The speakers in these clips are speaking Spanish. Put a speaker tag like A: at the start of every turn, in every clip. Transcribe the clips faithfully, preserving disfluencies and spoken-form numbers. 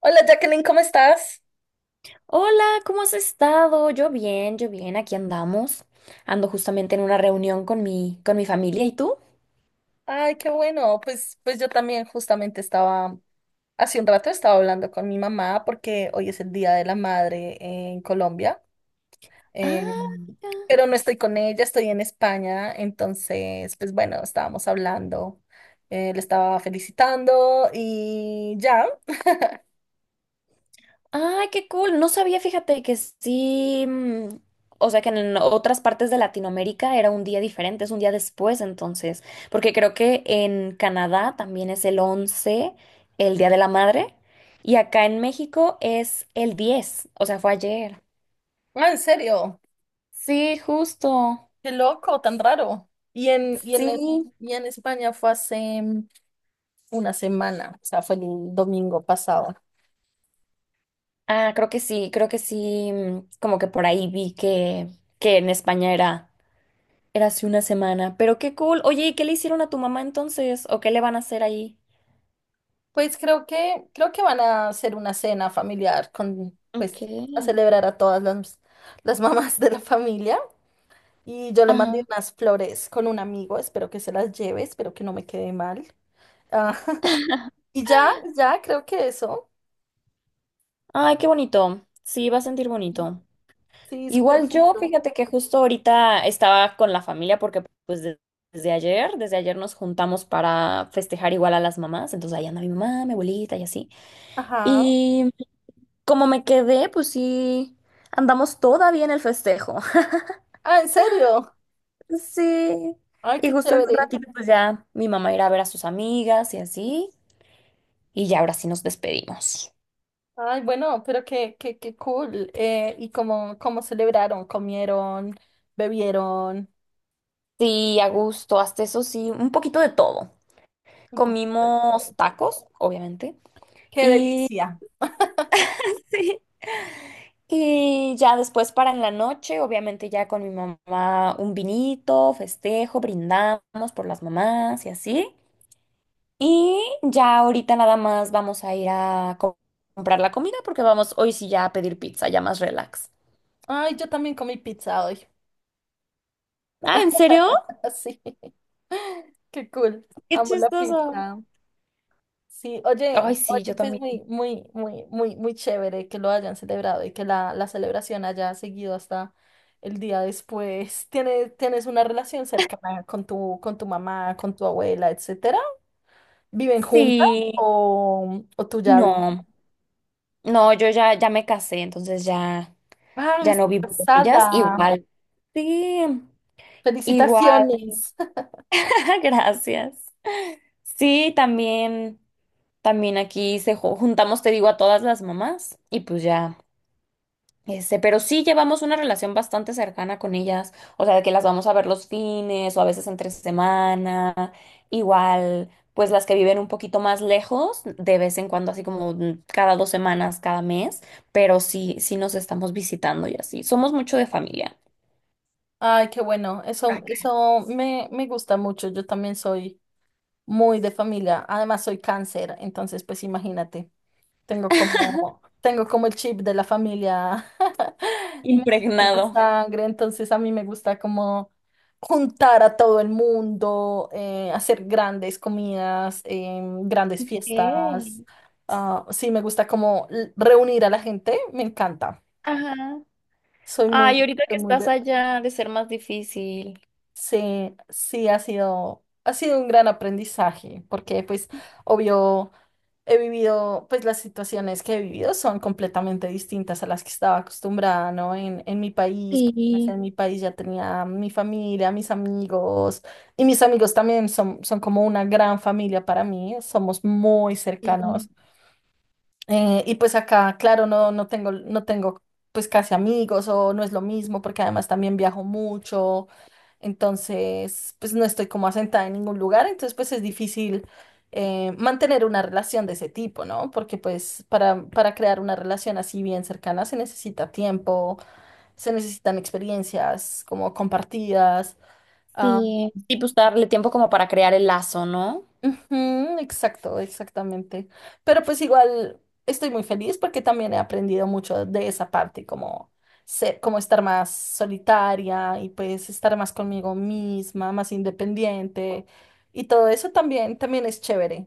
A: Hola Jacqueline, ¿cómo estás?
B: Hola, ¿cómo has estado? Yo bien, yo bien, aquí andamos. Ando justamente en una reunión con mi, con mi familia. ¿Y tú?
A: Ay, qué bueno. Pues, pues yo también justamente estaba, hace un rato estaba hablando con mi mamá porque hoy es el Día de la Madre en Colombia, eh,
B: Ah, mira.
A: pero no estoy con ella, estoy en España, entonces, pues bueno, estábamos hablando, eh, le estaba felicitando y ya.
B: Ay, qué cool. No sabía, fíjate que sí. mm, O sea, que en otras partes de Latinoamérica era un día diferente, es un día después, entonces. Porque creo que en Canadá también es el once, el Día de la Madre. Y acá en México es el diez. O sea, fue ayer.
A: Ah, en serio,
B: Sí, justo.
A: qué loco, tan raro. Y en, y en, es-
B: Sí.
A: y en España fue hace mm, una semana, o sea, fue el domingo pasado.
B: Ah, creo que sí, creo que sí, mm, como que por ahí vi que, que en España era, era hace una semana, pero qué cool. Oye, ¿y qué le hicieron a tu mamá entonces? ¿O qué le van a hacer ahí?
A: Pues creo que, creo que van a hacer una cena familiar con, pues,
B: Ok.
A: a celebrar a todas las, las mamás de la familia. Y yo le mandé
B: Ajá.
A: unas flores con un amigo, espero que se las lleve, espero que no me quede mal. Ah, y ya, ya, creo que eso.
B: Ay, qué bonito. Sí, va a sentir bonito.
A: Sí, súper
B: Igual yo,
A: bonito.
B: fíjate que justo ahorita estaba con la familia porque pues de- desde ayer, desde ayer nos juntamos para festejar igual a las mamás, entonces ahí anda mi mamá, mi abuelita y así.
A: Ajá.
B: Y como me quedé, pues sí, andamos todavía en el festejo.
A: Ah, ¿en serio?
B: Sí.
A: Ay,
B: Y
A: qué
B: justo en un
A: chévere.
B: ratito, pues ya mi mamá irá a ver a sus amigas y así. Y ya ahora sí nos despedimos.
A: Ay, bueno, pero qué, qué, qué cool. Eh, ¿y cómo, cómo celebraron? ¿Comieron? ¿Bebieron?
B: Sí, a gusto, hasta eso sí, un poquito de todo.
A: Un poquito de
B: Comimos
A: todo.
B: tacos, obviamente.
A: Qué
B: Y,
A: delicia.
B: y ya después para en la noche, obviamente ya con mi mamá un vinito, festejo, brindamos por las mamás y así. Y ya ahorita nada más vamos a ir a co- comprar la comida porque vamos hoy sí ya a pedir pizza, ya más relax.
A: Ay, yo también comí pizza hoy.
B: Ah, ¿en serio?
A: Sí, qué cool.
B: Qué
A: Amo la
B: chistoso.
A: pizza. Sí, oye,
B: Ay, sí,
A: oye,
B: yo
A: pues
B: también.
A: muy, muy, muy, muy, muy chévere que lo hayan celebrado y que la, la celebración haya seguido hasta el día después. ¿Tienes, tienes una relación cercana con tu, con tu mamá, con tu abuela, etcétera? ¿Viven juntas
B: Sí.
A: o, o tú ya vives?
B: No, no, yo ya, ya me casé, entonces ya,
A: Ah,
B: ya no
A: estás
B: vivo con ellas.
A: casada.
B: Igual, sí, igual,
A: Felicitaciones.
B: gracias. Sí, también, también aquí se ju- juntamos, te digo, a todas las mamás y pues ya. Este, pero sí llevamos una relación bastante cercana con ellas, o sea, de que las vamos a ver los fines o a veces entre semana, igual, pues las que viven un poquito más lejos, de vez en cuando, así como mm, cada dos semanas, cada mes, pero sí, sí nos estamos visitando y así. Somos mucho de familia.
A: Ay, qué bueno. Eso,
B: Acá.
A: eso me, me gusta mucho. Yo también soy muy de familia. Además, soy cáncer, entonces, pues imagínate, tengo como, tengo como el chip de la familia metido en la
B: Impregnado.
A: sangre, entonces a mí me gusta como juntar a todo el mundo, eh, hacer grandes comidas, em, grandes
B: Ok.
A: fiestas. Ah, sí, me gusta como l- reunir a la gente, me encanta.
B: Ajá.
A: Soy muy,
B: Ay, ahorita que
A: soy muy
B: estás
A: de-
B: allá, ha de ser más difícil.
A: Sí, sí, ha sido, ha sido un gran aprendizaje, porque pues, obvio he vivido, pues las situaciones que he vivido son completamente distintas a las que estaba acostumbrada, ¿no? En, en mi país, porque, pues,
B: Sí,
A: en mi país ya tenía mi familia, mis amigos, y mis amigos también son, son como una gran familia para mí, somos muy
B: sí,
A: cercanos. Eh, y pues acá, claro, no, no tengo, no tengo pues casi amigos o no es lo mismo porque además también viajo mucho, entonces pues no estoy como asentada en ningún lugar, entonces pues es difícil eh, mantener una relación de ese tipo, ¿no? Porque pues para, para crear una relación así bien cercana se necesita tiempo, se necesitan experiencias como compartidas.
B: sí. Y pues darle tiempo como para crear el lazo, ¿no?
A: Ujú, exacto, exactamente. Pero pues igual estoy muy feliz porque también he aprendido mucho de esa parte, como ser, como estar más solitaria y pues estar más conmigo misma, más independiente y todo eso también, también es chévere.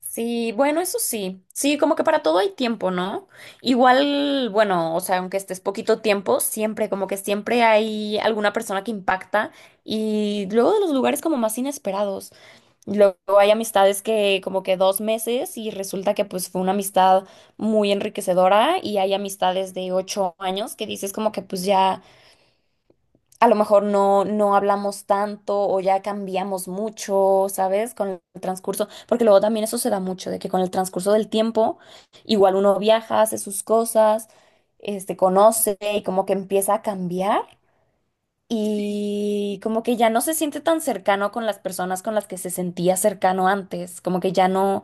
B: Sí, bueno, eso sí. Sí, como que para todo hay tiempo, ¿no? Igual, bueno, o sea, aunque estés poquito tiempo, siempre, como que siempre hay alguna persona que impacta y luego de los lugares como más inesperados. Luego hay amistades que como que dos meses y resulta que pues fue una amistad muy enriquecedora y hay amistades de ocho años que dices como que pues ya a lo mejor no, no hablamos tanto o ya cambiamos mucho, ¿sabes? Con el transcurso, porque luego también eso se da mucho, de que con el transcurso del tiempo, igual uno viaja, hace sus cosas, este, conoce y como que empieza a cambiar y como que ya no se siente tan cercano con las personas con las que se sentía cercano antes, como que ya no,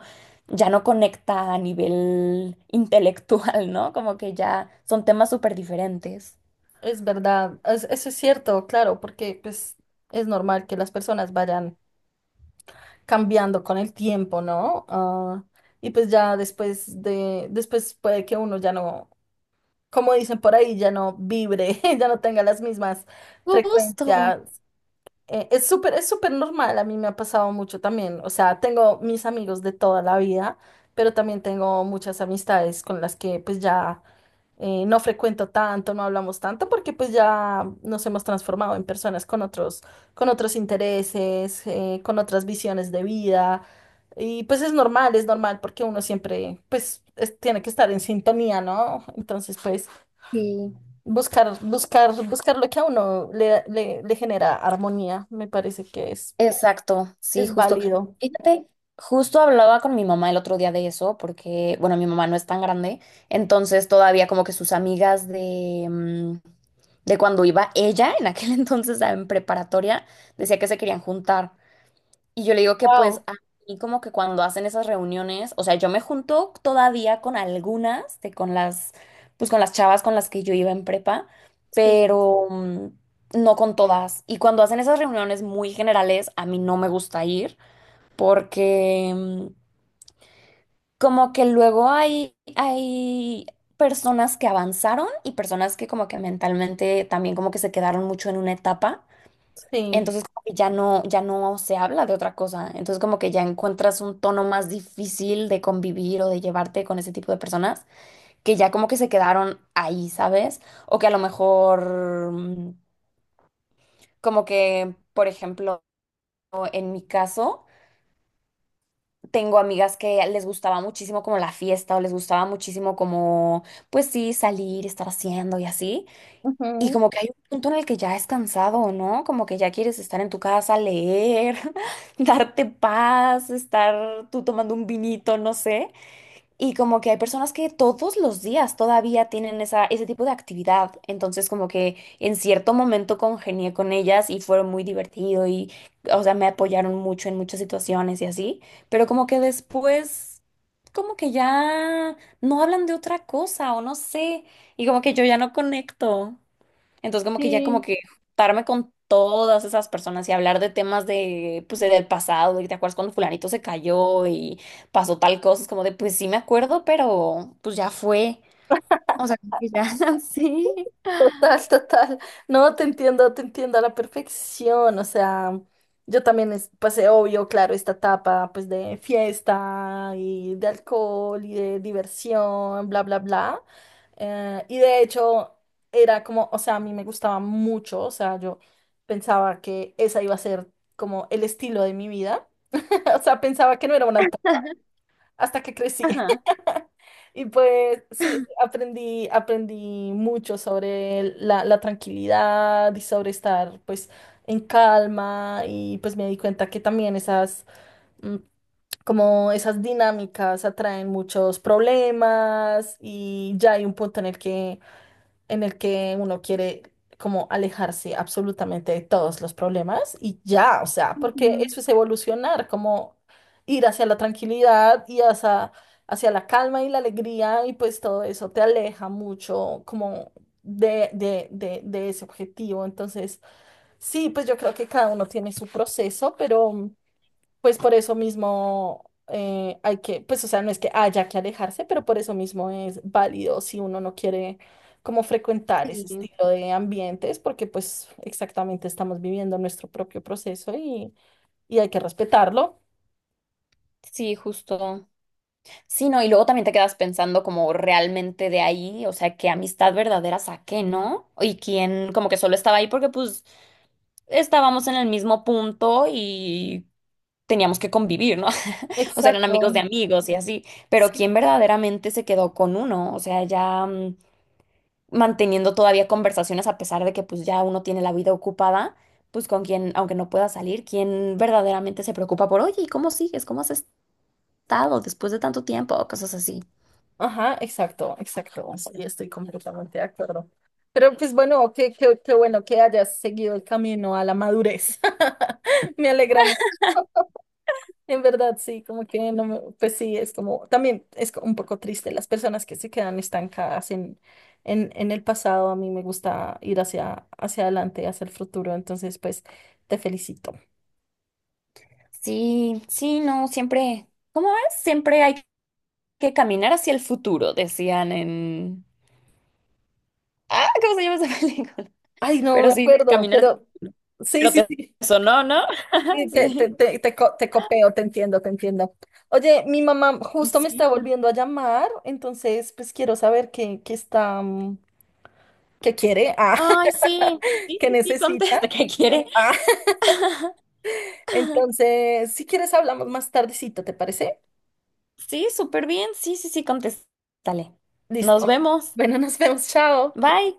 B: ya no conecta a nivel intelectual, ¿no? Como que ya son temas súper diferentes.
A: Es verdad, es- eso es cierto, claro, porque pues es normal que las personas vayan cambiando con el tiempo, ¿no? Ah, y pues ya después de, después puede que uno ya no, como dicen por ahí, ya no vibre, ya no tenga las mismas
B: Justo.
A: frecuencias. Eh, es súper, es súper normal, a mí me ha pasado mucho también. O sea, tengo mis amigos de toda la vida, pero también tengo muchas amistades con las que pues ya eh, no frecuento tanto, no hablamos tanto, porque pues ya nos hemos transformado en personas con otros, con otros intereses, eh, con otras visiones de vida. Y pues es normal, es normal, porque uno siempre pues es- tiene que estar en sintonía, ¿no? Entonces, pues...
B: Sí.
A: Buscar, buscar, buscar lo que a uno le, le, le genera armonía, me parece que es,
B: Exacto, sí,
A: es
B: justo.
A: válido.
B: Fíjate, justo hablaba con mi mamá el otro día de eso, porque, bueno, mi mamá no es tan grande, entonces todavía como que sus amigas de, mm, de cuando iba ella, en aquel entonces en preparatoria, decía que se querían juntar. Y yo le digo que pues
A: Wow,
B: a mí como que cuando hacen esas reuniones, o sea, yo me junto todavía con algunas de con las pues con las chavas con las que yo iba en prepa,
A: sí.
B: pero mm, no con todas. Y cuando hacen esas reuniones muy generales, a mí no me gusta ir porque mm, como que luego hay hay personas que avanzaron y personas que como que mentalmente también como que se quedaron mucho en una etapa.
A: Sí.
B: Entonces como que ya no, ya no se habla de otra cosa. Entonces como que ya encuentras un tono más difícil de convivir o de llevarte con ese tipo de personas que ya como que se quedaron ahí, ¿sabes? O que a lo mejor mm, como que, por ejemplo, en mi caso, tengo amigas que les gustaba muchísimo como la fiesta o les gustaba muchísimo como, pues sí, salir, estar haciendo y así. Y
A: Ujú.
B: como que hay un punto en el que ya es cansado, ¿no? Como que ya quieres estar en tu casa, leer, darte paz, estar tú tomando un vinito, no sé. Y como que hay personas que todos los días todavía tienen esa, ese tipo de actividad. Entonces como que en cierto momento congenié con ellas y fueron muy divertido y, o sea, me apoyaron mucho en muchas situaciones y así. Pero como que después, como que ya no hablan de otra cosa o no sé. Y como que yo ya no conecto. Entonces, como que ya como
A: Sí,
B: que juntarme con todas esas personas y hablar de temas de, pues, de- del pasado, y te acuerdas cuando fulanito se cayó y pasó tal cosa, es como de, pues sí me acuerdo, pero pues ya fue. O sea, como que ya, sí.
A: total, total. No, te entiendo, te entiendo a la perfección. O sea, yo también es- pasé, obvio, claro, esta etapa pues de fiesta y de alcohol y de diversión, bla, bla, bla. Eh, y de hecho era como, o sea, a mí me gustaba mucho, o sea, yo pensaba que esa iba a ser como el estilo de mi vida. O sea, pensaba que no era una hasta que crecí.
B: Ajá.
A: Y pues sí, aprendí, aprendí mucho sobre la, la tranquilidad y sobre estar pues en calma y pues me di cuenta que también esas mm, como esas dinámicas atraen muchos problemas y ya hay un punto en el que en el que uno quiere como alejarse absolutamente de todos los problemas y ya, o sea, porque eso
B: Ujú.
A: es evolucionar, como ir hacia la tranquilidad y hacia, hacia la calma y la alegría y pues todo eso te aleja mucho como de, de, de, de ese objetivo. Entonces, sí, pues yo creo que cada uno tiene su proceso, pero... Pues por eso mismo eh, hay que, pues o sea, no es que haya que alejarse, pero por eso mismo es válido si uno no quiere como frecuentar ese
B: Sí.
A: estilo de ambientes, porque pues exactamente estamos viviendo nuestro propio proceso y, y hay que respetarlo.
B: Sí, justo. Sí, no, y luego también te quedas pensando como realmente de ahí, o sea, qué amistad verdadera saqué, ¿no? Y quién como que solo estaba ahí porque pues estábamos en el mismo punto y teníamos que convivir, ¿no? O sea, eran amigos de
A: Exacto.
B: amigos y así, pero quien
A: Sí.
B: verdaderamente se quedó con uno, o sea, ya mm, manteniendo todavía conversaciones a pesar de que pues ya uno tiene la vida ocupada, pues con quien, aunque no pueda salir, quien verdaderamente se preocupa por, oye, ¿y cómo sigues? ¿Cómo has estado después de tanto tiempo? O cosas así.
A: Ajá, exacto, exacto. Sí, estoy completamente de acuerdo. Pero pues bueno, qué, qué, qué bueno que hayas seguido el camino a la madurez. Me alegra mucho. En verdad, sí, como que no me, pues sí, es como, también es co- un poco triste las personas que se quedan estancadas en, en, en el pasado. A mí me gusta ir hacia, hacia adelante, hacia el futuro. Entonces, pues, te felicito.
B: Sí, sí, no, siempre, ¿cómo es? Siempre hay que caminar hacia el futuro, decían en... Ah, ¿cómo se llama esa película?
A: Ay, no me
B: Pero sí,
A: acuerdo,
B: caminar. Sí.
A: pero sí,
B: Pero
A: sí,
B: te
A: sí.
B: sonó, ¿no?
A: Sí, Te, te,
B: Sí.
A: te, te, co- te copeo, te entiendo, te entiendo. Oye, mi mamá justo me
B: Sí.
A: está volviendo a llamar, entonces pues quiero saber qué, qué está, mm, qué quiere, ah,
B: Ay, sí. Sí,
A: qué
B: sí, sí,
A: necesita.
B: contesta que quiere.
A: ah, Entonces, si quieres, hablamos más tardecito, ¿te parece?
B: Sí, súper bien. Sí, sí, sí, contéstale. Nos
A: Listo.
B: vemos.
A: Bueno, nos vemos, chao.
B: Bye.